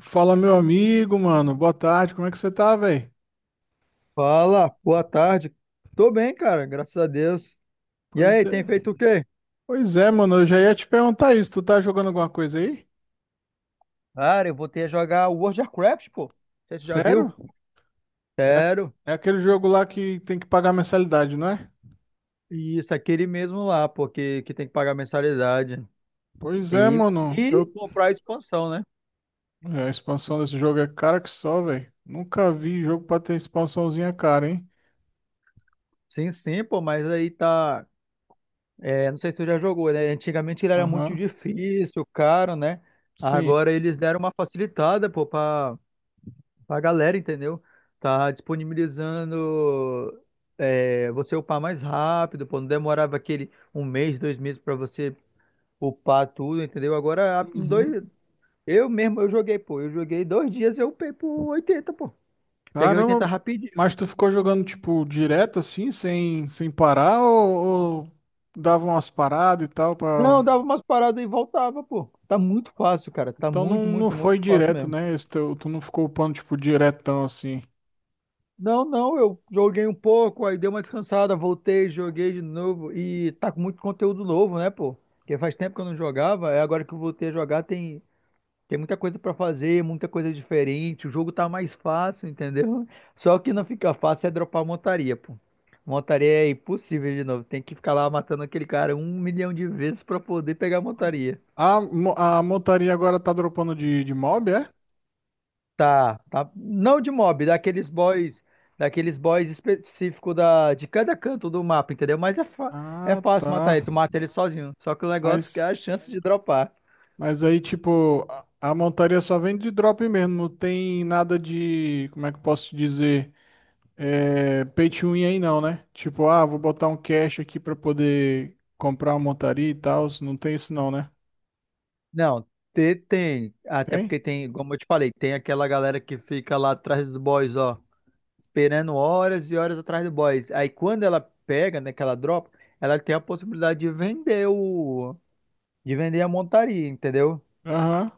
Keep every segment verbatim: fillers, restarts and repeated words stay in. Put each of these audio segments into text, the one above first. Fala, meu amigo, mano. Boa tarde, como é que você tá, velho? Fala, boa tarde. Tô bem, cara, graças a Deus. E Pois aí, tem é. feito o quê? Pois é, mano, eu já ia te perguntar isso. Tu tá jogando alguma coisa aí? Cara, eu voltei a jogar World of Warcraft, pô. Não sei se Você já Sério? viu? É, aque- Sério? é aquele jogo lá que tem que pagar mensalidade, não é? E Isso, aquele mesmo lá, pô, que, que tem que pagar mensalidade. Pois é, E, mano. e Eu... comprar a expansão, né? é, a expansão desse jogo é cara que só, velho. Nunca vi jogo pra ter expansãozinha cara, hein? Sim, sim, pô, mas aí tá. É, não sei se tu já jogou, né? Antigamente ele era muito Aham. difícil, caro, né? Sim. Agora eles deram uma facilitada, pô, pra, A galera, entendeu? Tá disponibilizando é, você upar mais rápido, pô. Não demorava aquele um mês, dois meses pra você upar tudo, entendeu? Agora, a- em Uhum. dois, eu mesmo, eu joguei, pô. Eu joguei dois dias, eu upei por oitenta, pô. Peguei oitenta Caramba, rapidinho. mas tu ficou jogando, tipo, direto assim, sem, sem parar ou, ou dava umas paradas e tal Não, pra. dava umas paradas e voltava, pô. Tá muito fácil, cara. Tá Então não, muito, não muito, foi muito fácil direto, mesmo. né? Esse teu- tu não ficou upando, tipo, diretão assim. Não, não, eu joguei um pouco, aí dei uma descansada, voltei, joguei de novo e tá com muito conteúdo novo, né, pô? Porque faz tempo que eu não jogava, é agora que eu voltei a jogar, tem, tem muita coisa pra fazer, muita coisa diferente, o jogo tá mais fácil, entendeu? Só que não fica fácil é dropar montaria, pô. Montaria é impossível de novo, tem que ficar lá matando aquele cara um milhão de vezes pra poder pegar a montaria. A, mo- a montaria agora tá dropando de, de mob, é? Tá, tá. Não de mob, daqueles boys, daqueles boys específico da, de cada canto do mapa, entendeu? Mas é, fa- é Ah, fácil matar tá. ele, tu mata ele sozinho. Só que o negócio é que Mas, é a chance de dropar. mas aí, tipo, a, a montaria só vem de drop mesmo. Não tem nada de, como é que eu posso te dizer? É, pay to win aí não, né? Tipo, ah, vou botar um cash aqui pra poder comprar uma montaria e tal. Não tem isso não, né? Não, te- tem. Até Tem? porque tem, como eu te falei, tem aquela galera que fica lá atrás dos boys, ó, esperando horas e horas atrás do boys. Aí quando ela pega, né, que ela dropa, ela tem a possibilidade de vender o, de vender a montaria, entendeu? Aham.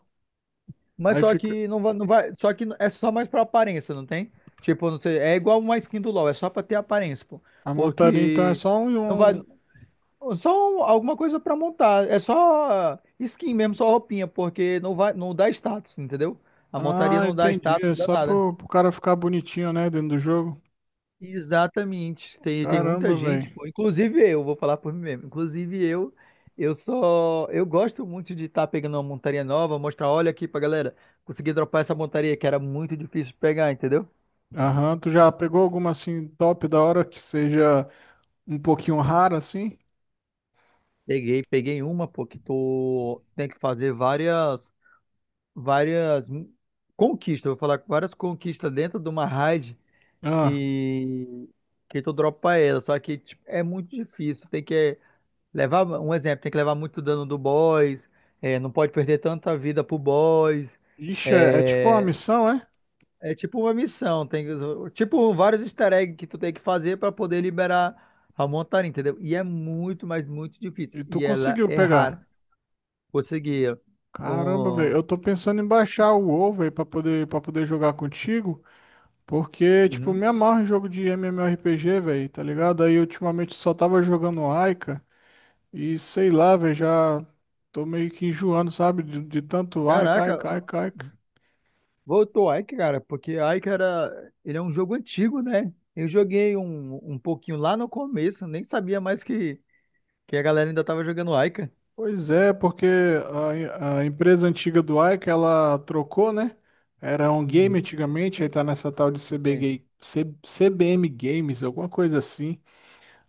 Mas Aí só fica. que não vai, não vai, só que é só mais pra aparência, não tem? Tipo, não sei, é igual uma skin do LoL, é só pra ter aparência, pô. A montaria então é Porque só não vai, um. um, só um, alguma coisa pra montar, é só skin mesmo, só roupinha, porque não vai, não dá status, entendeu? A montaria Ah, não dá entendi. status, É não dá só nada. pro, pro cara ficar bonitinho, né, dentro do jogo. Exatamente. Tem, tem muita Caramba, gente, velho. pô, inclusive eu, vou falar por mim mesmo. Inclusive eu, eu só, eu gosto muito de estar pegando uma montaria nova, mostrar, olha aqui pra galera, consegui dropar essa montaria que era muito difícil de pegar, entendeu? Aham, tu já pegou alguma assim top da hora que seja um pouquinho rara assim? Peguei, peguei uma, pô, que tô, tem que fazer várias, várias conquistas, vou falar várias conquistas dentro de uma raid Ah, que que tu dropa ela, só que tipo, é muito difícil, tem que Levar, um exemplo, tem que levar muito dano do boss, é, não pode perder tanta vida pro boss. ixi, é, é tipo uma É, missão, é? é tipo uma missão, tem tipo vários easter eggs que tu tem que fazer para poder liberar a montaria, entendeu? E é muito, mas muito difícil. E tu E ela conseguiu é pegar. rara. Conseguir Caramba, velho. um. Eu tô pensando em baixar o WoW, velho, pra poder, pra poder jogar contigo. Porque, tipo, Uhum. me amarro em jogo de M M O R P G, velho, tá ligado? Aí ultimamente só tava jogando Aika e sei lá, velho, já tô meio que enjoando, sabe? De, de tanto Aika, Caraca, Aika, Aika, Aika. voltou Ike, cara, porque Ike era. Ele é um jogo antigo, né? Eu joguei um, um pouquinho lá no começo, nem sabia mais que, que a galera ainda tava jogando Ike. Pois é, porque a, a empresa antiga do Aika, ela trocou, né? Era um game Uhum. antigamente, aí tá nessa tal de Sim. C B G, C- CBM Games, alguma coisa assim.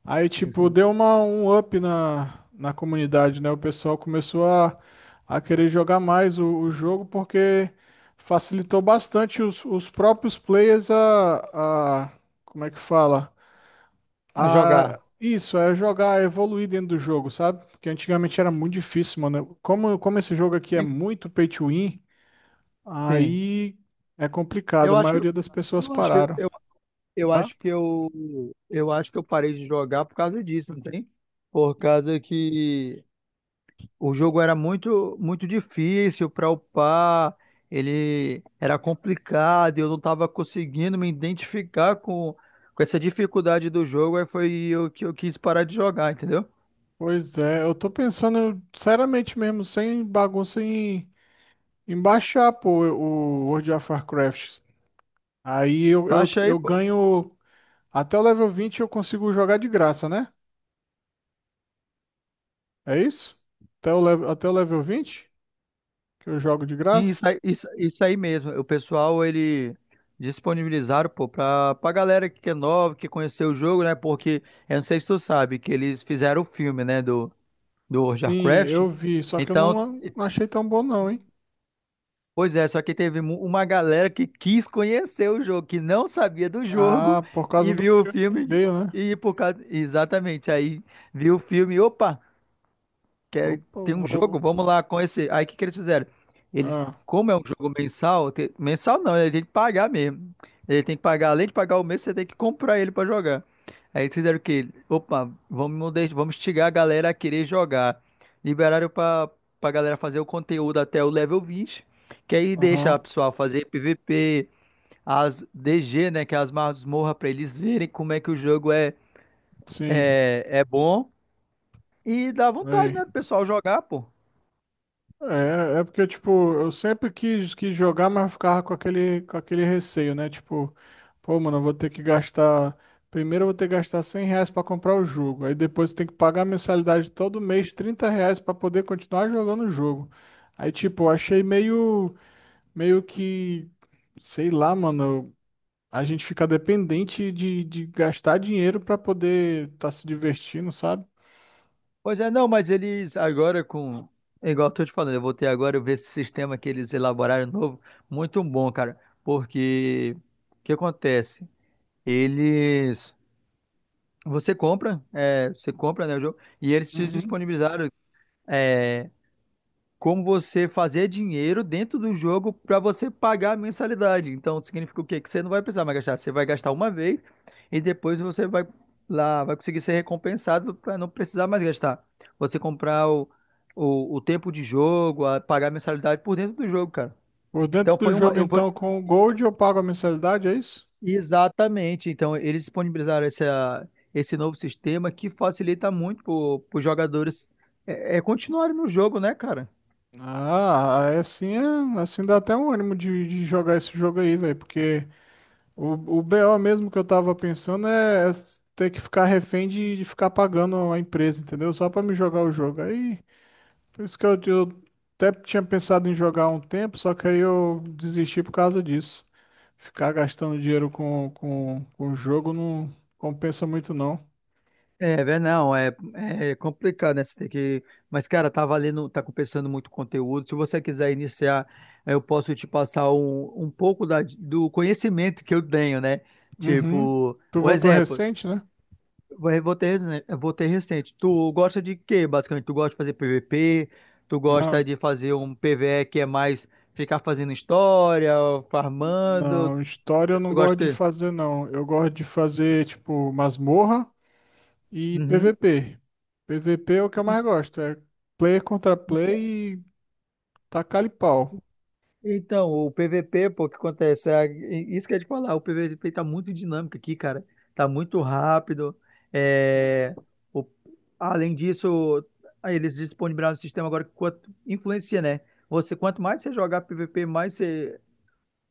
Aí, Sim, tipo, sim. deu uma, um up na, na comunidade, né? O pessoal começou a, a querer jogar mais o, o jogo porque facilitou bastante os, os próprios players a, a. Como é que fala? A jogar. A. Isso, é jogar, a evoluir dentro do jogo, sabe? Porque antigamente era muito difícil, mano. Como, como esse jogo aqui é En- muito pay to win, Sim. aí é complicado. Eu A acho que maioria das pessoas eu acho que pararam, eu, eu tá? acho que eu eu acho que eu parei de jogar por causa disso, não tem? Por causa que o jogo era muito muito difícil para upar, ele era complicado, e eu não estava conseguindo me identificar com com essa dificuldade do jogo, aí foi o que eu quis parar de jogar, entendeu? Pois é, eu tô pensando seriamente mesmo, sem bagunça em Embaixar, pô, o World of Warcraft. Aí eu, eu, Baixa aí. eu ganho. Até o level vinte eu consigo jogar de graça, né? É isso? Até o, level, até o level vinte que eu jogo de Sim, graça? isso aí, isso, isso aí mesmo. O pessoal, ele disponibilizaram, pô, pra, pra galera que é nova, que conheceu o jogo, né? Porque, eu não sei se tu sabe, que eles fizeram o filme, né? Do, do World of Sim, Warcraft. eu vi. Só que eu Então, não, não achei tão bom, não, hein? pois é, só que teve mu- uma galera que quis conhecer o jogo, que não sabia do jogo Ah, por causa e do viu o filme que filme. veio, né? E por causa. Exatamente, aí viu o filme, opa! quer, Opa, tem eu um vou. jogo, vamos lá com esse. Aí o que, que eles fizeram? Eles, Ah, como é um jogo mensal, te- mensal não, ele tem que pagar mesmo. Ele tem que pagar, além de pagar o mês, você tem que comprar ele pra jogar. Aí eles fizeram o quê? Opa, vamos, de- vamos instigar a galera a querer jogar. Liberaram pra, pra galera fazer o conteúdo até o level vinte que aí deixa aham, a pessoa fazer P V P, as D G, né, que é as masmorras, pra eles verem como é que o jogo é, sim. é, é bom. E dá vontade, Aí. né, do pessoal jogar, pô. É, é porque, tipo, eu sempre quis, quis jogar, mas eu ficava com aquele, com aquele receio, né? Tipo, pô, mano, eu vou ter que gastar. Primeiro eu vou ter que gastar cem reais pra comprar o jogo. Aí depois eu tenho que pagar a mensalidade todo mês, trinta reais pra poder continuar jogando o jogo. Aí, tipo, eu achei meio, meio que, sei lá, mano, a gente fica dependente de, de gastar dinheiro pra poder estar se divertindo, sabe? Pois é, não, mas eles agora com. É Igual eu tô te falando, eu voltei agora, eu vi esse sistema que eles elaboraram novo, muito bom, cara. Porque o que acontece? Eles. Você compra, é, você compra, né, o jogo, e eles te Uhum. disponibilizaram. é, como você fazer dinheiro dentro do jogo para você pagar a mensalidade. Então, significa o quê? Que você não vai precisar mais gastar. Você vai gastar uma vez e depois você vai lá, vai conseguir ser recompensado para não precisar mais gastar. Você comprar o, o, o tempo de jogo, a- pagar a mensalidade por dentro do jogo, cara. Por dentro Então, do foi uma. jogo, Eu, foi... então, com o Gold eu pago a mensalidade, é isso? Exatamente. Então, eles disponibilizaram essa, esse novo sistema que facilita muito para os jogadores é, é, continuarem no jogo, né, cara? Ah, aí assim, é, assim dá até um ânimo de, de jogar esse jogo aí, velho, porque o, o B O mesmo que eu tava pensando é, é ter que ficar refém de, de ficar pagando a empresa, entendeu? Só pra me jogar o jogo. Aí, por isso que eu, eu até tinha pensado em jogar há um tempo, só que aí eu desisti por causa disso. Ficar gastando dinheiro com, com, com o jogo não compensa muito, não. É, vé, não, é, é complicado, né? Você tem que. Mas, cara, tá valendo, tá compensando muito conteúdo. Se você quiser iniciar, eu posso te passar um, um pouco da- do conhecimento que eu tenho, né? Uhum. Tipo, Tu um voltou exemplo, recente, né? eu vou ter, resen- eu vou ter recente. Tu gosta de quê, basicamente? Tu gosta de fazer P V P? Tu gosta de fazer um P V E que é mais ficar fazendo história, farmando? Não, história eu Tu não gosta gosto de de quê? fazer, não. Eu gosto de fazer, tipo, masmorra e Uhum. P V P. P V P é o que eu mais gosto. É player contra player e tacar pau. Então, o P V P, pô, o que acontece? É, isso que eu ia te falar, o P V P tá muito dinâmico aqui, cara. Tá muito rápido. É, o- além disso, aí eles disponibilizaram um sistema agora que quanto, influencia, né? Você, quanto mais você jogar P V P, mais você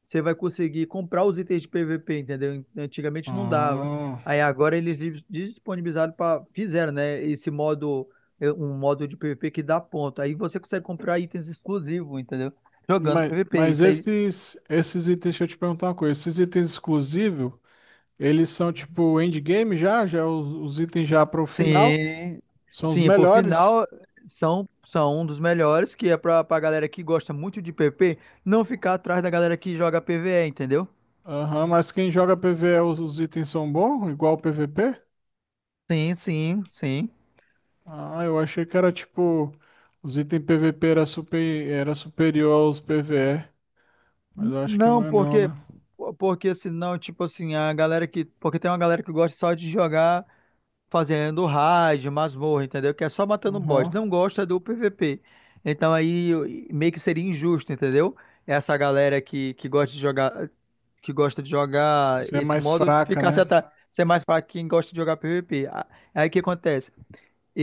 você vai conseguir comprar os itens de P V P, entendeu? Antigamente não dava. Ah, Aí agora eles dis- disponibilizaram para fizeram, né, esse modo eh, um modo de P V P que dá ponto. Aí você consegue comprar itens exclusivos, entendeu? Jogando mas, P V P. mas Isso aí. esses, esses itens, deixa eu te perguntar uma coisa. Esses itens exclusivos, eles são tipo endgame já? Já é os, os itens já para o final? Sim. São os Sim, por melhores? final são são um dos melhores que é para para galera que gosta muito de P V P não ficar atrás da galera que joga PvE, entendeu? Aham, mas quem joga PvE, os, os itens são bons? Igual o P V P? Sim, sim, sim. Ah, eu achei que era tipo. Os itens P V P era, super, era superior aos P V E. Mas eu acho que não Não, é não, porque né? porque senão, tipo assim, a galera que, porque tem uma galera que gosta só de jogar fazendo raid, masmorra, entendeu? Que é só matando boss, Aham. não gosta do P V P. Então aí eu- meio que seria injusto, entendeu? Essa galera que, que gosta de jogar que gosta de jogar Você é esse mais modo fraca, ficasse né? atrás, ser mais pra quem gosta de jogar P V P. A- Aí o que acontece?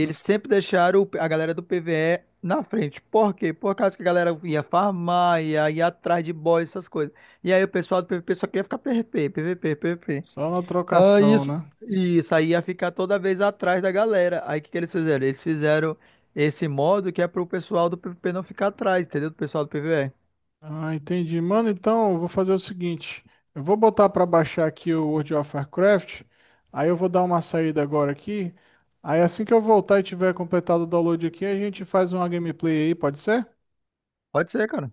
Hum, sempre deixaram o- a galera do PvE na frente. Por quê? Por causa que a galera ia farmar, ia, ia atrás de boss, essas coisas. E aí o pessoal do PvP só queria ficar PvP, PvP, PvP. Só na Ah, trocação, isso. né? Isso aí ia ficar toda vez atrás da galera. Aí o que que eles fizeram? Eles fizeram esse modo que é pro pessoal do PvP não ficar atrás, entendeu? Do pessoal do PvE. Ah, entendi. Mano, então eu vou fazer o seguinte. Eu vou botar pra baixar aqui o World of Warcraft. Aí eu vou dar uma saída agora aqui. Aí assim que eu voltar e tiver completado o download aqui, a gente faz uma gameplay aí, pode ser? Pode ser, cara.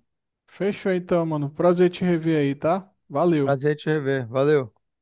Fechou então, mano. Prazer te rever aí, tá? Valeu. Prazer em te rever. Valeu.